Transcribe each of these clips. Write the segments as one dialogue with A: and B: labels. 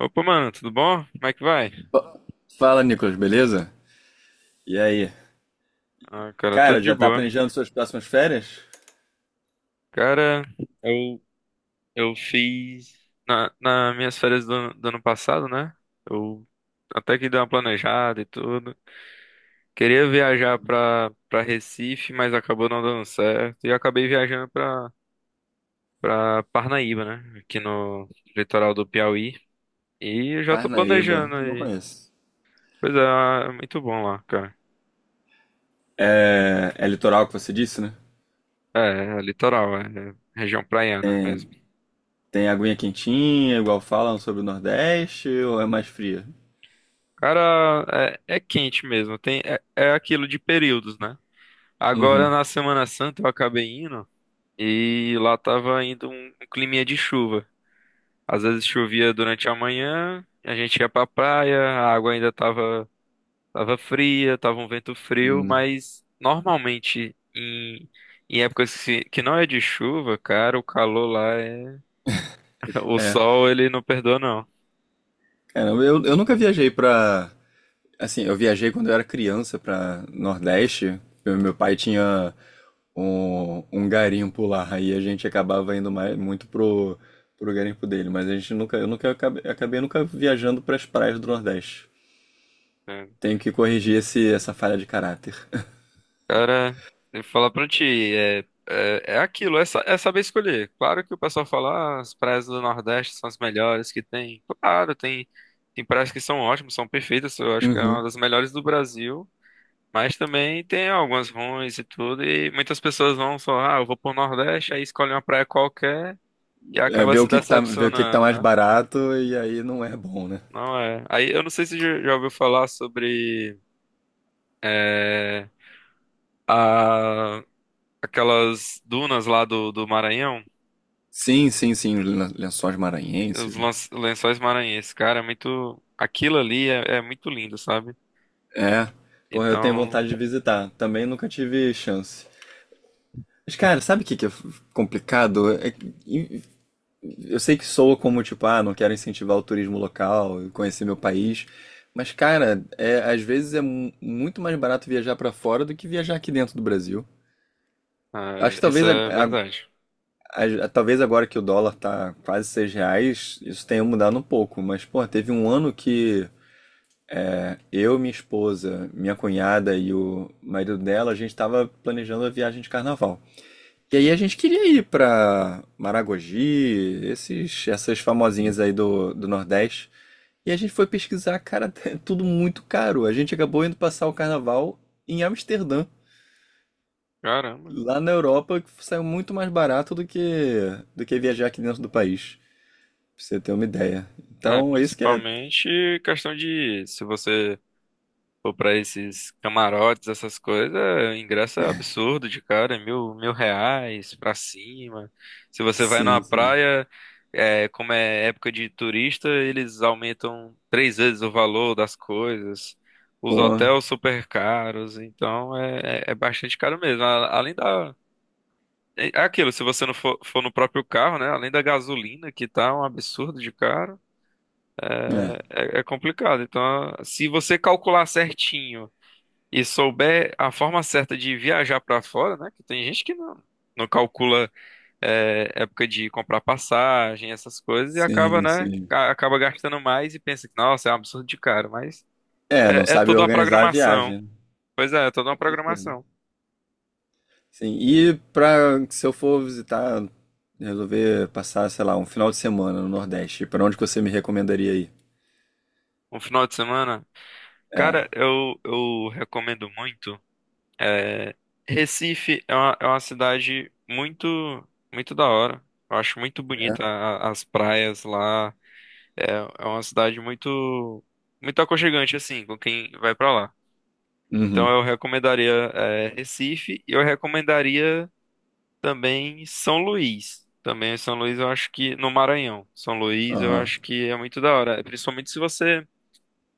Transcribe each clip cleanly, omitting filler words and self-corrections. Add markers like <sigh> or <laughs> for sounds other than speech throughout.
A: Opa, mano, tudo bom? Como é que vai?
B: Fa- Fala, Nicolas, beleza? E aí?
A: Ah, cara, tudo
B: Cara,
A: de
B: já tá
A: boa.
B: planejando suas próximas férias?
A: Cara, eu, eu fiz na minhas férias do ano passado, né? Eu até que dei uma planejada e tudo. Queria viajar pra Recife, mas acabou não dando certo. E eu acabei viajando pra Parnaíba, né? Aqui no litoral do Piauí. E eu já tô
B: Parnaíba,
A: planejando
B: não
A: aí.
B: conheço.
A: Pois é. É muito bom lá, cara.
B: É, é litoral que você disse, né?
A: É, é litoral. É região praiana mesmo.
B: Tem aguinha quentinha, igual falam sobre o Nordeste, ou é mais fria?
A: Cara, é quente mesmo. Tem, é aquilo de períodos, né? Agora
B: Uhum.
A: na Semana Santa eu acabei indo e lá tava indo um climinha de chuva. Às vezes chovia durante a manhã, a gente ia pra praia, a água ainda tava, tava fria, tava um vento frio,
B: Hum.
A: mas normalmente em épocas que não é de chuva, cara, o calor lá é. <laughs> O
B: É,
A: sol, ele não perdoa, não,
B: cara, eu nunca viajei pra. Assim, eu viajei quando eu era criança pra Nordeste. Meu pai tinha um garimpo lá. Aí a gente acabava indo muito pro garimpo dele. Mas a gente nunca, eu nunca acabei nunca viajando pras praias do Nordeste.
A: né?
B: Tenho que corrigir essa falha de caráter.
A: Cara, eu vou falar pra ti, é, é, é aquilo, é saber escolher. Claro que o pessoal fala, ah, as praias do Nordeste são as melhores que tem. Claro, tem praias que são ótimas, são perfeitas, eu acho que é
B: Uhum.
A: uma das melhores do Brasil, mas também tem algumas ruins e tudo, e muitas pessoas vão só, ah, eu vou pro Nordeste, aí escolhe uma praia qualquer e
B: É,
A: acaba se
B: ver o que que tá
A: decepcionando,
B: mais
A: né?
B: barato e aí não é bom, né?
A: Não é. Aí eu não sei se já ouviu falar sobre é, a, aquelas dunas lá do Maranhão.
B: Sim, sim, sim, os lençóis
A: Os
B: maranhenses, né?
A: lençóis maranhenses, cara, é muito. Aquilo ali é muito lindo, sabe?
B: É, porra, eu tenho
A: Então,
B: vontade de visitar. Também nunca tive chance. Mas, cara, sabe o que que é complicado? É que, eu sei que soa como, tipo, ah, não quero incentivar o turismo local, conhecer meu país. Mas, cara, é, às vezes é muito mais barato viajar pra fora do que viajar aqui dentro do Brasil.
A: ah,
B: Acho que
A: isso
B: talvez,
A: é verdade.
B: talvez agora que o dólar tá quase R$ 6, isso tenha mudado um pouco. Mas, pô, teve um ano que eu, minha esposa, minha cunhada e o marido dela, a gente tava planejando a viagem de carnaval. E aí a gente queria ir pra Maragogi, essas famosinhas aí do Nordeste. E a gente foi pesquisar, cara, <laughs> tudo muito caro. A gente acabou indo passar o carnaval em Amsterdã,
A: Caramba.
B: lá na Europa, que saiu muito mais barato do que viajar aqui dentro do país, pra você ter uma ideia.
A: É,
B: Então, é isso que é.
A: principalmente questão de se você. Pô, pra esses camarotes, essas coisas, o ingresso é absurdo de cara, é mil reais pra cima. Se você vai numa
B: Sim, sim.
A: praia, como é época de turista, eles aumentam três vezes o valor das coisas. Os
B: Pô,
A: hotéis super caros, então é bastante caro mesmo. Além da. É aquilo, se você não for, no próprio carro, né? Além da gasolina, que tá um absurdo de caro,
B: é.
A: é complicado. Então, se você calcular certinho e souber a forma certa de viajar para fora, né? Que tem gente que não calcula época de comprar passagem, essas coisas, e acaba,
B: Sim,
A: né?
B: sim.
A: Acaba gastando mais e pensa que, nossa, é um absurdo de caro, mas
B: É, não
A: é
B: sabe
A: toda uma
B: organizar a
A: programação.
B: viagem,
A: Pois é. É toda uma
B: com certeza.
A: programação.
B: Sim, e se eu for visitar, resolver passar, sei lá, um final de semana no Nordeste, pra onde que você me recomendaria ir?
A: Um final de semana.
B: É.
A: Cara, eu recomendo muito. é, Recife é uma cidade muito, muito da hora. Eu acho muito bonita
B: É.
A: as praias lá. É uma cidade muito, muito aconchegante, assim, com quem vai pra lá. Então
B: Uhum.
A: eu recomendaria, Recife e eu recomendaria também São Luís. Também São Luís eu acho que no Maranhão. São Luís eu
B: Aham.
A: acho que é muito da hora. Principalmente se você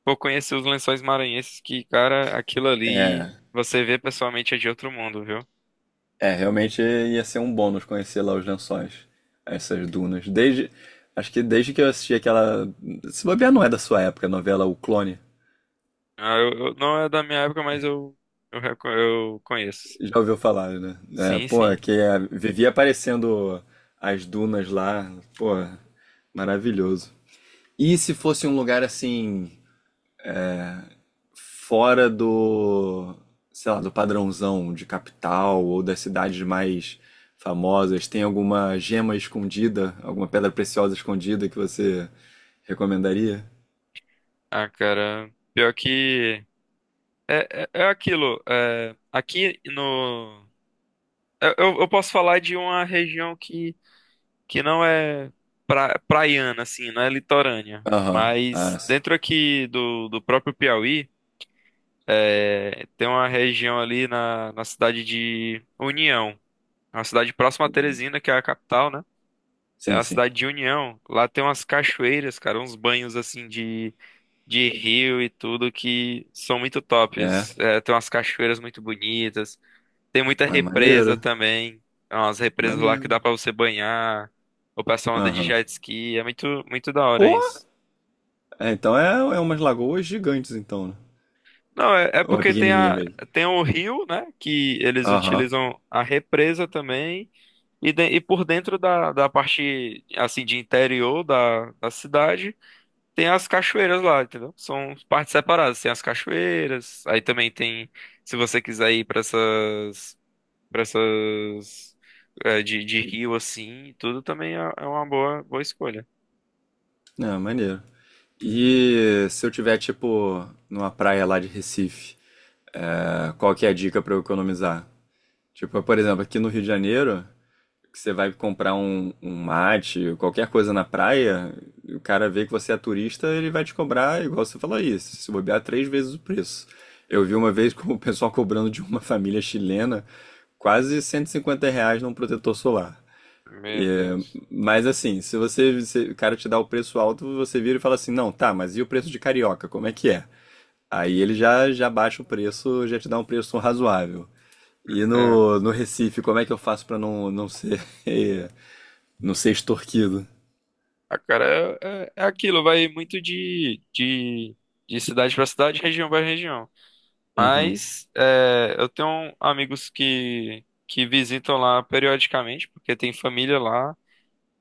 A: for conhecer os Lençóis Maranhenses, que, cara, aquilo ali
B: É,
A: você vê pessoalmente é de outro mundo, viu?
B: é, realmente ia ser um bônus conhecer lá os lençóis, essas dunas. Acho que desde que eu assisti aquela, se bobear não é da sua época, a novela O Clone,
A: Ah, não é da minha época, mas eu conheço.
B: já ouviu falar, né? É,
A: Sim,
B: pô,
A: sim.
B: que é, vivia aparecendo as dunas lá, pô, maravilhoso. E se fosse um lugar assim, fora do, sei lá, do padrãozão de capital ou das cidades mais famosas? Tem alguma gema escondida, alguma pedra preciosa escondida que você recomendaria?
A: Ah, cara. Pior que. É aquilo, aqui no. Eu posso falar de uma região que não é praiana, assim, não é litorânea.
B: Aham. Ah,
A: Mas
B: s-
A: dentro aqui do próprio Piauí, tem uma região ali na cidade de União. É uma cidade próxima a Teresina, que é a capital, né? É
B: sim,
A: a
B: sim.
A: cidade de União. Lá tem umas cachoeiras, cara, uns banhos assim de rio e tudo que são muito
B: É.
A: tops. É, tem umas cachoeiras muito bonitas. Tem muita
B: Ah,
A: represa
B: maneiro.
A: também. Umas represas lá que
B: Maneiro.
A: dá pra você banhar. O pessoal anda de
B: Aham.
A: jet ski. É muito, muito da hora
B: Pô!
A: isso.
B: É, então é, umas lagoas gigantes, então, né?
A: Não, é
B: Ou é
A: porque tem,
B: pequenininha
A: a,
B: mesmo?
A: tem o rio, né? Que eles
B: Aham.
A: utilizam a represa também. E por dentro da parte, assim, de interior da cidade, tem as cachoeiras lá, entendeu? São partes separadas. Tem as cachoeiras. Aí também tem, se você quiser ir para essas. Pra essas de rio assim, e tudo também é uma boa, boa escolha.
B: Ah, maneiro. E se eu tiver, tipo, numa praia lá de Recife, ah, qual que é a dica pra eu economizar? Tipo, por exemplo, aqui no Rio de Janeiro, que você vai comprar um mate, qualquer coisa na praia, e o cara vê que você é turista, ele vai te cobrar, igual você falou aí, se bobear três vezes o preço. Eu vi uma vez <laughs> com o pessoal cobrando de uma família chilena quase R$ 150 num protetor solar.
A: Meu
B: E,
A: Deus.
B: mas assim, se você, se o cara te dá o preço alto, você vira e fala assim, não, tá, mas e o preço de carioca, como é que é? Aí ele já baixa o preço, já te dá um preço razoável. E
A: Entendo.
B: no Recife, como é que eu faço pra não ser, <laughs> não ser extorquido?
A: Ah, cara, é aquilo, vai muito de cidade pra cidade, região pra região.
B: Uhum.
A: Mas eu tenho amigos que visitam lá periodicamente, porque tem família lá.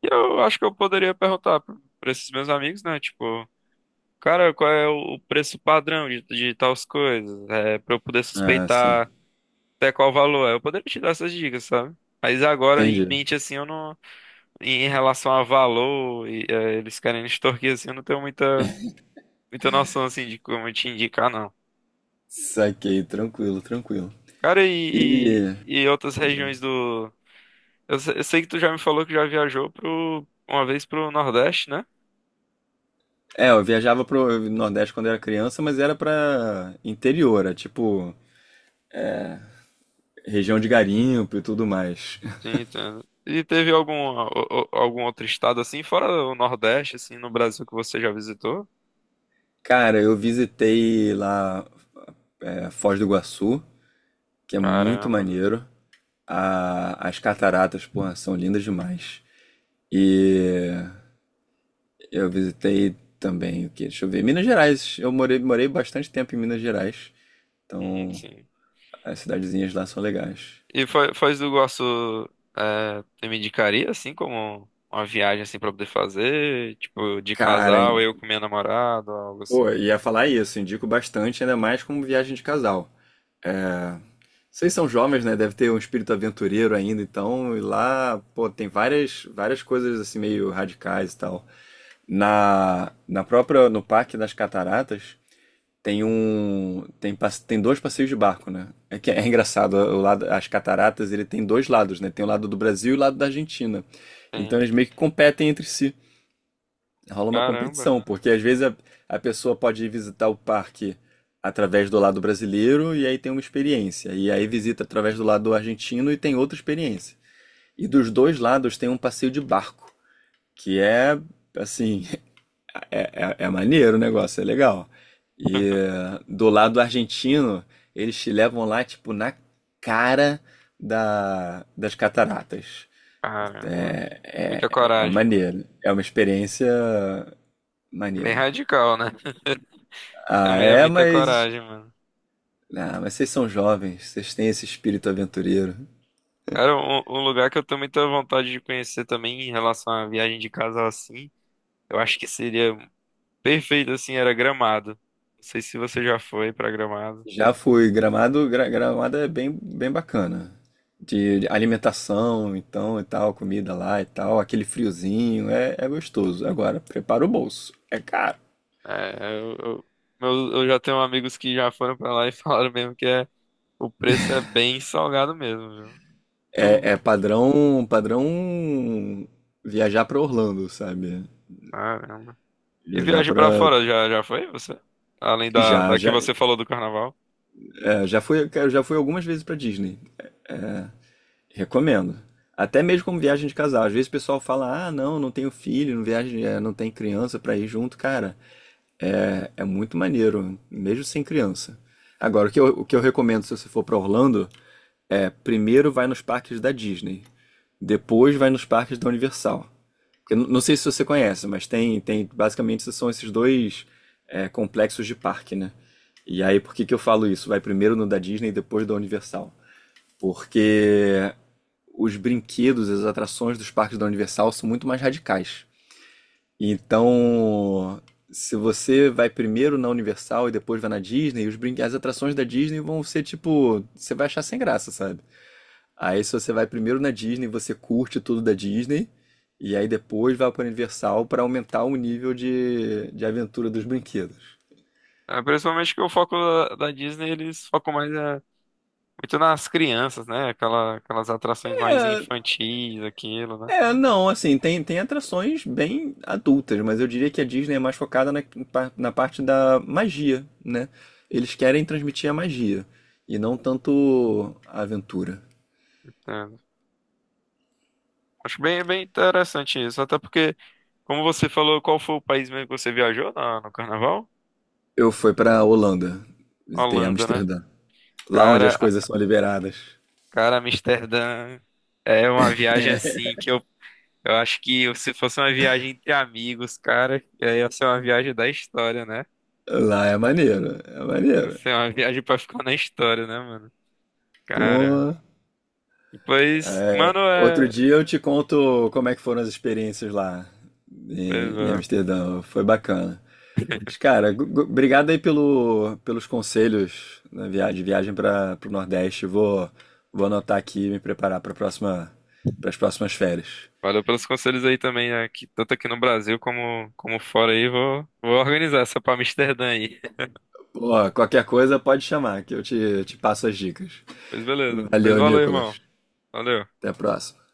A: E eu acho que eu poderia perguntar para esses meus amigos, né? Tipo, cara, qual é o preço padrão de tais coisas? É, para eu poder
B: Ah, sim.
A: suspeitar. Até qual valor é. Eu poderia te dar essas dicas, sabe? Mas agora em
B: Entendi.
A: mente, assim, eu não. Em relação a valor, e, eles querem extorquir, assim, eu não tenho muita, muita noção, assim, de como te indicar, não.
B: Saquei, tranquilo, tranquilo.
A: Cara, e,
B: E.
A: e, e outras
B: Diga.
A: regiões do. Eu, se- eu sei que tu já me falou que já viajou uma vez pro Nordeste, né?
B: É, eu viajava pro Nordeste quando era criança, mas era pra interior, é tipo região de garimpo e tudo mais.
A: Sim, entendo. E teve algum, algum outro estado, assim, fora o Nordeste, assim, no Brasil que você já visitou?
B: Cara, eu visitei lá Foz do Iguaçu, que é muito
A: Caramba.
B: maneiro. As cataratas, porra, são lindas demais. E eu visitei também o quê? Deixa eu ver. Minas Gerais. Eu morei bastante tempo em Minas Gerais. Então,
A: Sim.
B: as cidadezinhas lá são legais.
A: E Foz do Iguaçu você me indicaria, assim, como uma viagem, assim, pra poder fazer? Tipo, de
B: Cara,
A: casal,
B: hein?
A: eu com minha namorada, algo assim.
B: Pô, ia falar isso. Indico bastante, ainda mais como viagem de casal. Vocês são jovens, né? Deve ter um espírito aventureiro ainda, então, e lá, pô, tem várias, várias coisas assim meio radicais e tal. Na própria, no Parque das Cataratas, tem dois passeios de barco, né? É que é <laughs> engraçado, o lado, as cataratas, ele tem dois lados, né? Tem o lado do Brasil e o lado da Argentina. Então
A: Sim.
B: eles meio que competem entre si. Rola uma
A: Caramba,
B: competição, porque às vezes a pessoa pode ir visitar o parque através do lado brasileiro e aí tem uma experiência. E aí visita através do lado argentino e tem outra experiência. E dos dois lados tem um passeio de barco, que é assim, <laughs> é maneiro o negócio, é legal. E do lado argentino, eles te levam lá, tipo, na cara das cataratas.
A: caramba.
B: É,
A: Muita
B: é, é
A: coragem.
B: maneiro. É uma experiência
A: Bem
B: maneira.
A: radical, né? <laughs> É
B: Ah,
A: mu- é
B: é,
A: muita
B: mas.
A: coragem, mano.
B: Ah, mas vocês são jovens, vocês têm esse espírito aventureiro.
A: Cara, um lugar que eu tenho muita vontade de conhecer também em relação à viagem de casal, assim, eu acho que seria perfeito, assim, era Gramado. Não sei se você já foi pra Gramado.
B: Já fui. Gramado, Gramado é bem bacana. De alimentação, então, e tal, comida lá e tal, aquele friozinho, é gostoso. Agora, prepara o bolso. É caro.
A: É, eu, eu, eu já tenho amigos que já foram pra lá e <laughs> falaram mesmo que o preço é bem salgado mesmo, viu? Tu,
B: É padrão, padrão viajar pra Orlando, sabe?
A: caramba. E
B: Viajar
A: viagem pra
B: pra.
A: fora, já foi você? Além da,
B: Já,
A: da que
B: já,
A: você falou do carnaval?
B: Já fui, cara, já fui algumas vezes pra Disney. Recomendo. Até mesmo como viagem de casal. Às vezes o pessoal fala: "Ah, não, não tenho filho, não viagem, é, não tem criança pra ir junto". Cara, é, é muito maneiro, mesmo sem criança. Agora, o que eu recomendo se você for para Orlando é primeiro vai nos parques da Disney, depois vai nos parques da Universal. Eu não sei se você conhece, mas tem, basicamente são esses dois, complexos de parque, né? E aí, por que que eu falo isso? Vai primeiro no da Disney, depois da Universal. Porque os brinquedos, as atrações dos parques da Universal são muito mais radicais. Então, se você vai primeiro na Universal e depois vai na Disney, as atrações da Disney vão ser tipo, você vai achar sem graça, sabe? Aí se você vai primeiro na Disney, você curte tudo da Disney e aí depois vai para Universal para aumentar o nível de aventura dos brinquedos.
A: É, principalmente que o foco da Disney, eles focam mais muito nas crianças, né? Aquelas atrações mais
B: É,
A: infantis, aquilo, né?
B: é, não, assim, tem, atrações bem adultas, mas eu diria que a Disney é mais focada na parte da magia, né? Eles querem transmitir a magia e não tanto a aventura.
A: Entendo. Acho bem interessante isso, até porque, como você falou, qual foi o país mesmo que você viajou no carnaval?
B: Eu fui pra Holanda, visitei
A: Holanda, né?
B: Amsterdã. Lá onde as
A: Cara,
B: coisas são liberadas.
A: Cara, Amsterdã é uma viagem assim que eu acho que se fosse uma viagem entre amigos, cara, ia ser uma viagem da história, né?
B: Lá é maneiro, é
A: Ia
B: maneiro.
A: ser uma viagem pra ficar na história, né, mano? Cara.
B: Pô,
A: Depois, mano,
B: outro
A: é.
B: dia eu te conto como é que foram as experiências lá em
A: Pois
B: em
A: é.
B: Amsterdã. Foi bacana. Mas, cara, obrigado aí pelos conselhos de viagem para o Nordeste. Vou anotar aqui e me preparar para as próximas férias.
A: Valeu pelos conselhos aí também, né? Que tanto aqui no Brasil como fora aí. Vou organizar essa pra Amsterdã aí. <laughs>
B: Pô, qualquer coisa pode chamar, que eu te passo as dicas.
A: Pois beleza. Pois
B: Valeu,
A: valeu, irmão.
B: Nicolas.
A: Valeu.
B: Até a próxima.